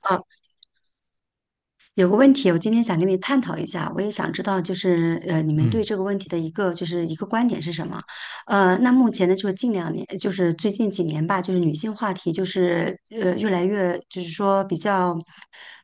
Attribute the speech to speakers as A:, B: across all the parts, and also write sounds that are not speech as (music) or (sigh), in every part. A: 啊，有个问题，我今天想跟你探讨一下，我也想知道，就是你们对
B: 嗯，
A: 这个问题的一个观点是什么？那目前呢，就是近两年，就是最近几年吧，就是女性话题就是越来越，就是说比较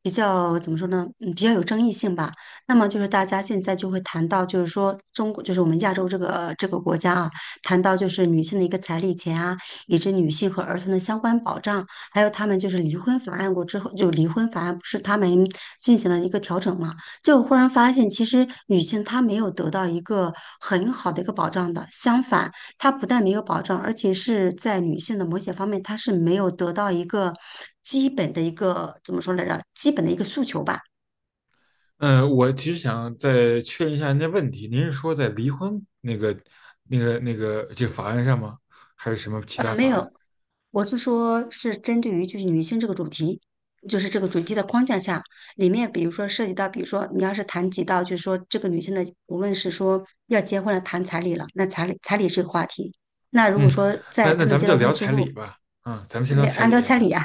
A: 比较怎么说呢，比较有争议性吧。那么就是大家现在就会谈到，就是说中国，就是我们亚洲这个国家啊，谈到就是女性的一个彩礼钱啊，以及女性和儿童的相关保障。还有他们就是离婚法案过之后，就离婚法案不是他们进行了一个调整嘛？就忽然发现，其实女性她没有得到一个很好的一个保障的，相反，她不但没有保障，而且是在女性的某些方面，她是没有得到一个基本的一个怎么说来着？基本的一个诉求吧。
B: 我其实想再确认一下您的问题，您是说在离婚这个法案上吗？还是什么其他
A: 没
B: 法案？
A: 有，我是说，是针对于就是女性这个主题，就是这个主题的框架下，里面比如说涉及到，比如说你要是谈及到，就是说这个女性的，无论是说要结婚了，谈彩礼了，那彩礼是个话题。那如果
B: 嗯，
A: 说在
B: 那
A: 他
B: 咱
A: 们
B: 们
A: 结
B: 就
A: 了
B: 聊
A: 婚之
B: 彩
A: 后，
B: 礼吧。啊、咱们
A: 是
B: 先聊彩
A: 按
B: 礼，
A: 照
B: 要不
A: 彩
B: 然，
A: 礼啊，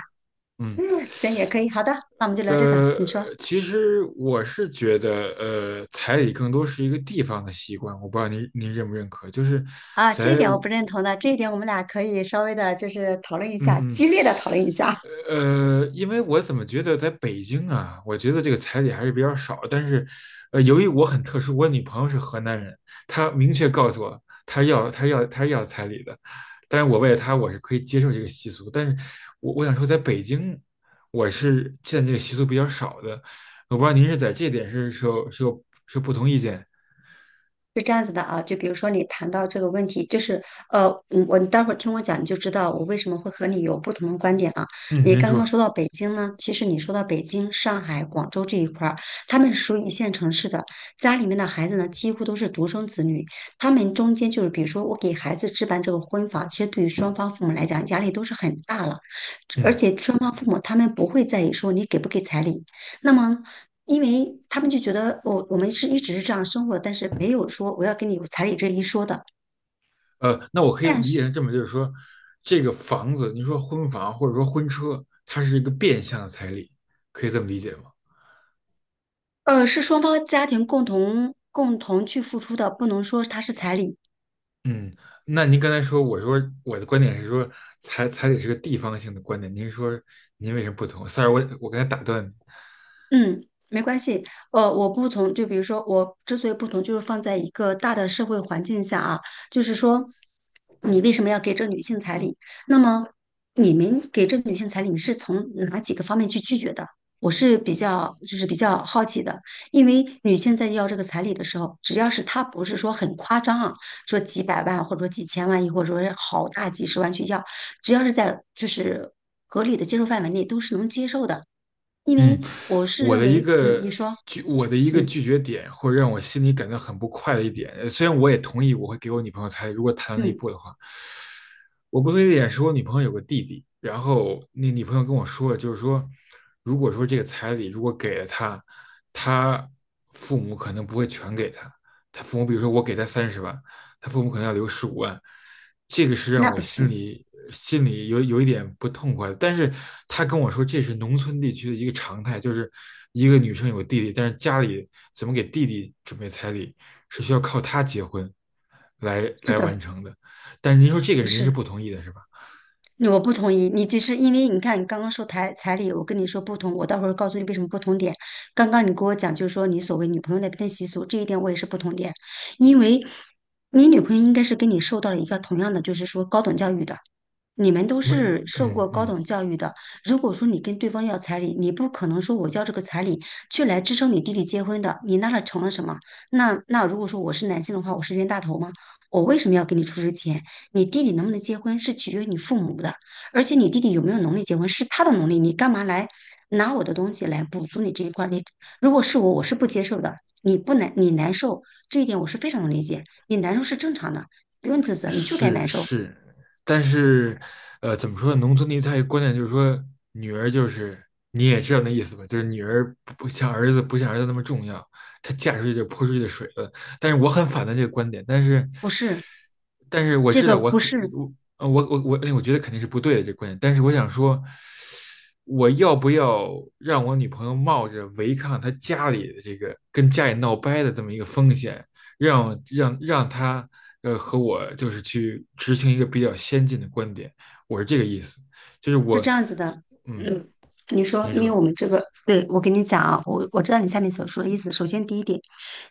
B: 嗯，
A: (laughs) 行也可以。好的，那我们就聊这个。
B: 呃，
A: 你说
B: 其实我是觉得，彩礼更多是一个地方的习惯，我不知道您认不认可，就是
A: 啊，这一
B: 在
A: 点我不认同的，这一点我们俩可以稍微的，就是讨论一下，
B: 嗯
A: 激烈的讨论一下。
B: 因为我怎么觉得在北京啊，我觉得这个彩礼还是比较少。但是，由于我很特殊，我女朋友是河南人，她明确告诉我，她要彩礼的。但是我为了她，我是可以接受这个习俗。但是我想说，在北京，我是见这个习俗比较少的。我不知道您是在这点是是有是有是有不同意见？
A: 是这样子的啊，就比如说你谈到这个问题，就是你待会儿听我讲，你就知道我为什么会和你有不同的观点啊。
B: 嗯，
A: 你
B: 您
A: 刚刚
B: 说，
A: 说到北京呢，其实你说到北京、上海、广州这一块儿，他们是属于一线城市的，家里面的孩子呢几乎都是独生子女，他们中间就是比如说我给孩子置办这个婚房，其实对于双方父母来讲压力都是很大了，而
B: 嗯。
A: 且双方父母他们不会在意说你给不给彩礼，那么，因为他们就觉得我们是一直是这样生活的，但是没有说我要跟你有彩礼这一说的。
B: 那我可以
A: 但
B: 理解
A: 是，
B: 成这么，就是说，这个房子，你说婚房或者说婚车，它是一个变相的彩礼，可以这么理解吗？
A: 是双方家庭共同去付出的，不能说它是彩礼。
B: 嗯，那您刚才说，我说我的观点是说，彩礼是个地方性的观点，您说您为什么不同？sorry,我刚才打断你。
A: 嗯，没关系。我不同，就比如说，我之所以不同，就是放在一个大的社会环境下啊，就是说，你为什么要给这女性彩礼？那么，你们给这女性彩礼，你是从哪几个方面去拒绝的？我是比较，就是比较好奇的，因为女性在要这个彩礼的时候，只要是她不是说很夸张啊，说几百万或者说几千万，亦或者说是好大几十万去要，只要是在就是合理的接受范围内，都是能接受的。因
B: 嗯，
A: 为我是
B: 我
A: 认
B: 的一
A: 为，
B: 个
A: 你说，
B: 我的一个
A: 嗯
B: 拒绝点，或者让我心里感到很不快的一点，虽然我也同意我会给我女朋友彩礼，如果谈到那一
A: 嗯，
B: 步的话，我不同意的点是我女朋友有个弟弟，然后那女朋友跟我说了，就是说，如果说这个彩礼如果给了他，他父母可能不会全给他，他父母比如说我给他30万，他父母可能要留15万，这个是让
A: 那
B: 我
A: 不
B: 心
A: 行，
B: 里心里有有一点不痛快的。但是他跟我说，这是农村地区的一个常态，就是一个女生有弟弟，但是家里怎么给弟弟准备彩礼，是需要靠他结婚来
A: 是
B: 来完
A: 的，
B: 成的。但是您说这个
A: 不
B: 您是
A: 是，
B: 不同意的，是吧？
A: 我不同意。你就是因为你看，你刚刚说彩礼，我跟你说不同，我到时候告诉你为什么不同点。刚刚你跟我讲，就是说你所谓女朋友那边的习俗，这一点我也是不同点，因为你女朋友应该是跟你受到了一个同样的，就是说高等教育的。你们都
B: 嗯
A: 是受
B: 嗯
A: 过高
B: 嗯。
A: 等教育的，如果说你跟对方要彩礼，你不可能说我要这个彩礼去来支撑你弟弟结婚的，你那了成了什么？那如果说我是男性的话，我是冤大头吗？我为什么要给你出这钱？你弟弟能不能结婚是取决于你父母的，而且你弟弟有没有能力结婚是他的能力，你干嘛来拿我的东西来补足你这一块儿你如果是我，我是不接受的。你不难，你难受这一点我是非常能理解，你难受是正常的，不用自责，你就该
B: 是
A: 难受，
B: 是，但是，怎么说呢？农村地区它有观念就是说，女儿就是你也知道那意思吧，就是女儿不像儿子那么重要，她嫁出去就泼出去的水了。但是我很反对这个观点，但是，
A: 不是？
B: 但是我
A: 这
B: 知道
A: 个
B: 我
A: 不
B: 肯
A: 是，
B: 我我觉得肯定是不对的这个观点，但是我想说，我要不要让我女朋友冒着违抗她家里的这个跟家里闹掰的这么一个风险，让她和我就是去执行一个比较先进的观点，我是这个意思，就是
A: 是
B: 我
A: 这样子的，
B: 嗯，
A: 嗯，你说，
B: 您
A: 因为
B: 说
A: 我们这个，对，我跟你讲啊，我知道你下面所说的意思。首先，第一点，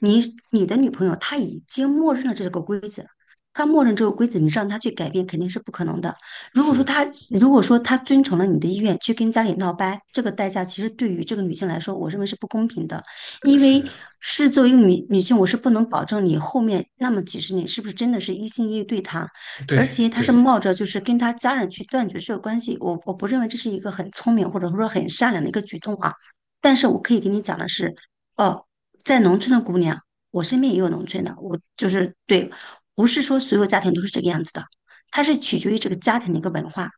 A: 你你的女朋友她已经默认了这个规则，她默认这个规则，你让她去改变肯定是不可能的。如果
B: 是
A: 说
B: 的，
A: 她如果说她遵从了你的意愿去跟家里闹掰，这个代价其实对于这个女性来说，我认为是不公平的，因
B: 是
A: 为
B: 的，
A: 是作为一个女性，我是不能保证你后面那么几十年是不是真的是一心一意对她。而
B: 对
A: 且他是
B: 对，
A: 冒着就是跟他家人去断绝这个关系，我不认为这是一个很聪明或者说很善良的一个举动啊。但是我可以跟你讲的是，哦，在农村的姑娘，我身边也有农村的，我就是对，不是说所有家庭都是这个样子的，它是取决于这个家庭的一个文化。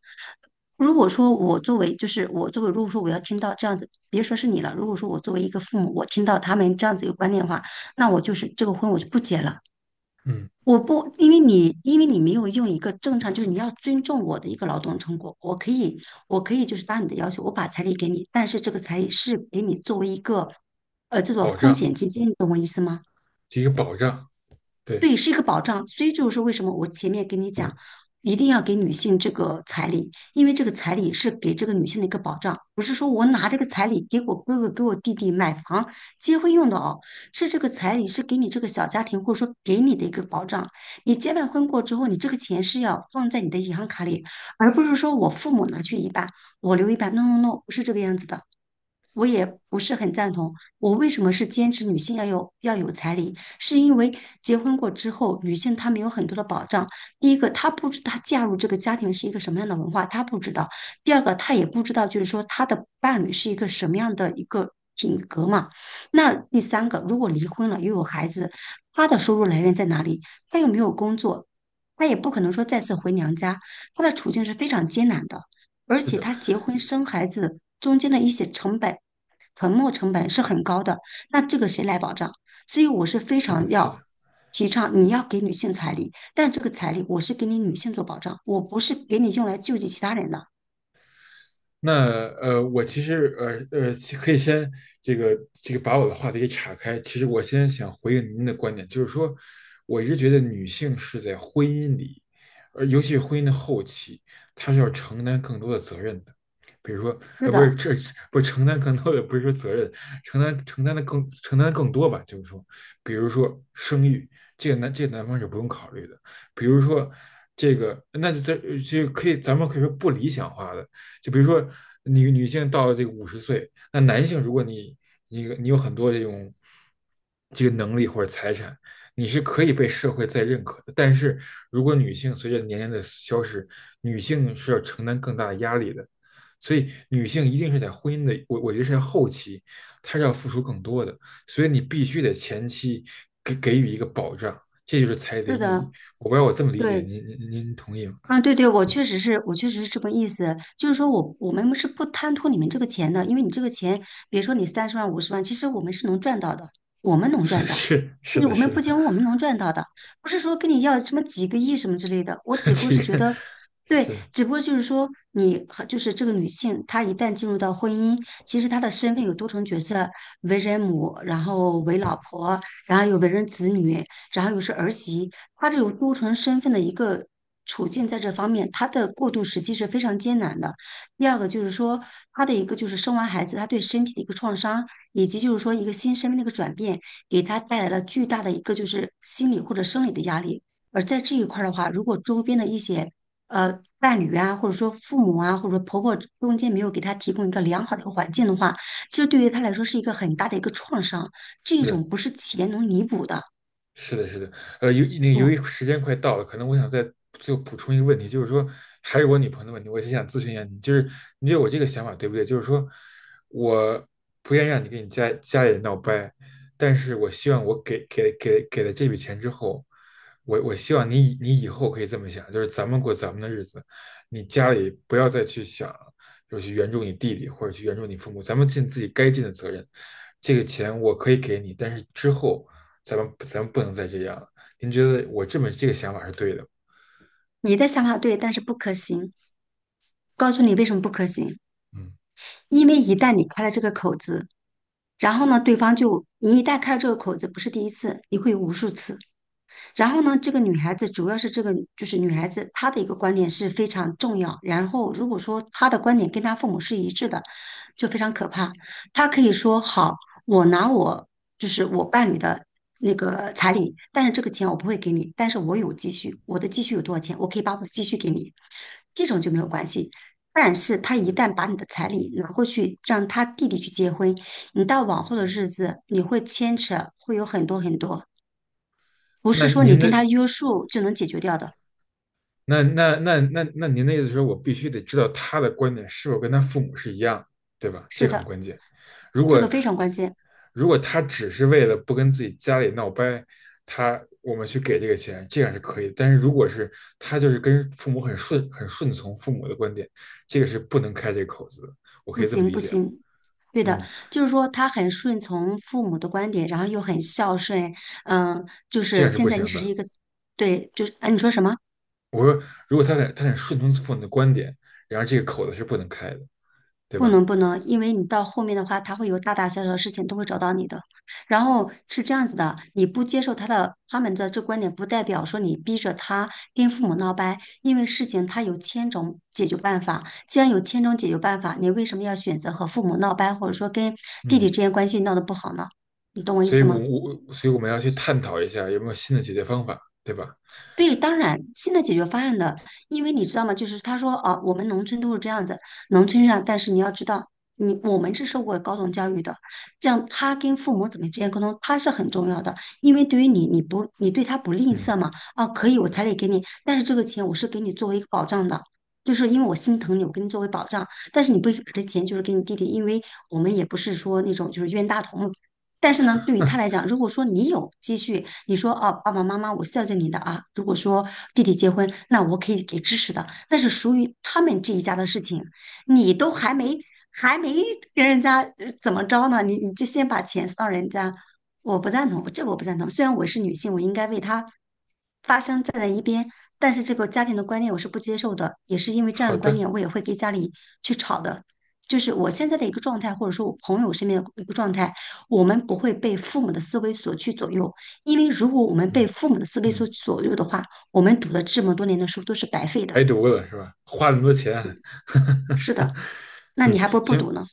A: 如果说我作为，如果说我要听到这样子，别说是你了，如果说我作为一个父母，我听到他们这样子一个观念的话，那我就是这个婚我就不结了。
B: 嗯，
A: 我不，因为你没有用一个正常，就是你要尊重我的一个劳动成果。我可以就是答你的要求，我把彩礼给你，但是这个彩礼是给你作为一个，这种
B: 保
A: 风
B: 障，
A: 险基金，你懂我意思吗？
B: 这个保障，对，
A: 对，是一个保障。所以就是为什么我前面跟你讲，一定要给女性这个彩礼，因为这个彩礼是给这个女性的一个保障，不是说我拿这个彩礼给我哥哥、给我弟弟买房、结婚用的哦，是这个彩礼是给你这个小家庭或者说给你的一个保障。你结完婚过之后，你这个钱是要放在你的银行卡里，而不是说我父母拿去一半，我留一半。No No No，不是这个样子的。我也不是很赞同。我为什么是坚持女性要有彩礼？是因为结婚过之后，女性她没有很多的保障。第一个，她不知道她嫁入这个家庭是一个什么样的文化，她不知道；第二个，她也不知道，就是说她的伴侣是一个什么样的一个品格嘛。那第三个，如果离婚了又有孩子，她的收入来源在哪里？她又没有工作，她也不可能说再次回娘家，她的处境是非常艰难的。而
B: 是
A: 且
B: 的，
A: 她结婚生孩子中间的一些成本传播成本是很高的，那这个谁来保障？所以我是非
B: 是的，
A: 常
B: 是
A: 要
B: 的。
A: 提倡，你要给女性彩礼，但这个彩礼我是给你女性做保障，我不是给你用来救济其他人的。
B: 那我其实其可以先这个这个把我的话题给岔开。其实我先想回应您的观点，就是说，我一直觉得女性是在婚姻里，尤其是婚姻的后期，她是要承担更多的责任的。比如说，
A: 是
B: 呃，不是
A: 的，
B: 这不是承担更多的，不是说责任，承担更多吧，就是说，比如说生育，这个男方是不用考虑的。比如说这个，那这个可以咱们可以说不理想化的。就比如说你女性到了这个50岁，那男性如果你有很多这种这个能力或者财产，你是可以被社会再认可的。但是如果女性随着年龄的消失，女性是要承担更大的压力的，所以女性一定是在婚姻的，我觉得是在后期，她是要付出更多的，所以你必须得前期给给予一个保障，这就是彩礼的
A: 是
B: 意义。
A: 的，
B: 我不知道我这么理解，
A: 对。
B: 您同意吗？
A: 啊，对对，我确实是这个意思，就是说我们是不贪图你们这个钱的，因为你这个钱，比如说你30万、50万，其实我们是能赚到的，我们
B: (laughs)
A: 能
B: 是
A: 赚到，
B: 是
A: 就
B: 是
A: 是
B: 的，
A: 我们
B: 是
A: 不
B: 的。
A: 仅我们能赚到的，不是说跟你要什么几个亿什么之类的，我
B: (laughs)
A: 只不过
B: 这
A: 是觉
B: 个
A: 得，对，
B: 是
A: 只不过就是说你和就是这个女性，她一旦进入到婚姻，其实她的身份有多重角色，为人母，然后为老婆，然后又为人子女，然后又是儿媳。他这种多重身份的一个处境，在这方面，他的过渡时期是非常艰难的。第二个就是说，他的一个就是生完孩子，他对身体的一个创伤，以及就是说一个新身份的一个转变，给他带来了巨大的一个就是心理或者生理的压力。而在这一块儿的话，如果周边的一些伴侣啊，或者说父母啊，或者说婆婆中间没有给他提供一个良好的一个环境的话，其实对于他来说是一个很大的一个创伤，这
B: 是的，
A: 种不是钱能弥补的。
B: 是的，是的，由那个由
A: 嗯。
B: 于时间快到了，可能我想再后补充一个问题，就是说还是我女朋友的问题，我就想咨询一下你，就是你觉得我这个想法对不对？就是说我不愿意让你跟你家家里人闹掰，但是我希望我给了这笔钱之后，我希望你以你以后可以这么想，就是咱们过咱们的日子，你家里不要再去想，就是去援助你弟弟或者去援助你父母，咱们尽自己该尽的责任。这个钱我可以给你，但是之后。咱们不能再这样了。您觉得我这么这个想法是对的
A: 你的想法对，但是不可行。告诉你为什么不可行，
B: 嗯，
A: 因为一旦你开了这个口子，然后呢，对方就你一旦开了这个口子，不是第一次，你会有无数次。然后呢，这个女孩子主要是这个就是女孩子她的一个观点是非常重要。然后如果说她的观点跟她父母是一致的，就非常可怕。她可以说好，我拿我就是我伴侣的那个彩礼，但是这个钱我不会给你，但是我有积蓄，我的积蓄有多少钱，我可以把我的积蓄给你，这种就没有关系。但是他一旦把你的彩礼拿过去，让他弟弟去结婚，你到往后的日子，你会牵扯，会有很多很多不
B: 那
A: 是说你
B: 您
A: 跟
B: 的
A: 他约束就能解决掉的。
B: 那您的意思是说我必须得知道他的观点是否跟他父母是一样，对吧？这
A: 是
B: 个很
A: 的，
B: 关键。如
A: 这个
B: 果
A: 非常关键。
B: 他只是为了不跟自己家里闹掰，他我们去给这个钱，这样是可以。但是如果是他就是跟父母很顺从父母的观点，这个是不能开这个口子的。我可
A: 不
B: 以这么
A: 行，
B: 理
A: 不
B: 解吗？
A: 行。对的，
B: 嗯，
A: 就是说他很顺从父母的观点，然后又很孝顺。嗯，就
B: 这
A: 是
B: 样是不
A: 现在你
B: 行
A: 只是
B: 的。
A: 一个，对，就是，哎，你说什么？
B: 我说，如果他得顺从父母的观点，然而这个口子是不能开的，对
A: 不
B: 吧？
A: 能不能，因为你到后面的话，他会有大大小小的事情都会找到你的。然后是这样子的，你不接受他们的这观点，不代表说你逼着他跟父母闹掰，因为事情他有千种解决办法。既然有千种解决办法，你为什么要选择和父母闹掰，或者说跟弟弟
B: 嗯，
A: 之间关系闹得不好呢？你懂我意思吗？
B: 所以我们要去探讨一下有没有新的解决方法，对吧？
A: 对，当然，新的解决方案的，因为你知道吗？就是他说，啊，我们农村都是这样子，农村上，但是你要知道，你我们是受过高等教育的，这样他跟父母怎么之间沟通，他是很重要的，因为对于你，你不，你对他不吝
B: 嗯，
A: 啬嘛，啊，可以，我彩礼给你，但是这个钱我是给你作为一个保障的。就是因为我心疼你，我给你作为保障，但是你不给以把这钱就是给你弟弟，因为我们也不是说那种就是冤大头嘛，但是呢，对于他来
B: (laughs)
A: 讲，如果说你有积蓄，你说哦，爸爸妈妈，我孝敬你的啊。如果说弟弟结婚，那我可以给支持的，那是属于他们这一家的事情。你都还没跟人家怎么着呢，你就先把钱送到人家，我不赞同，这个我不赞同。虽然我是女性，我应该为他发声。但是这个家庭的观念我是不接受的，也是因为这样
B: 好
A: 的观
B: 的，
A: 念，我也会跟家里去吵的。就是我现在的一个状态，或者说我朋友身边的一个状态，我们不会被父母的思维所去左右，因为如果我们被
B: 嗯
A: 父母的思维所
B: 嗯，
A: 左右的话，我们读了这么多年的书都是白费的。
B: 白读了是吧？花那么多钱啊，
A: 是
B: (laughs)
A: 的，那你
B: 嗯，
A: 还不如不读
B: 行，
A: 呢。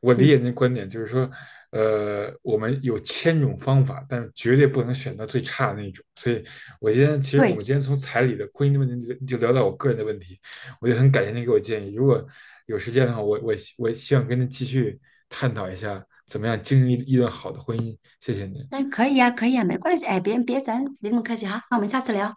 B: 我理解
A: 嗯，
B: 您的观点，就是说，我们有千种方法，但是绝对不能选到最差的那种。所以，我今天其实我们
A: 对，
B: 今天从彩礼的婚姻的问题就就聊到我个人的问题，我就很感谢您给我建议。如果有时间的话，我我希我希望跟您继续探讨一下怎么样经营一段好的婚姻。谢谢您。
A: 那可以呀，可以呀，没关系，哎，别别，咱别那么客气哈，那我们下次聊。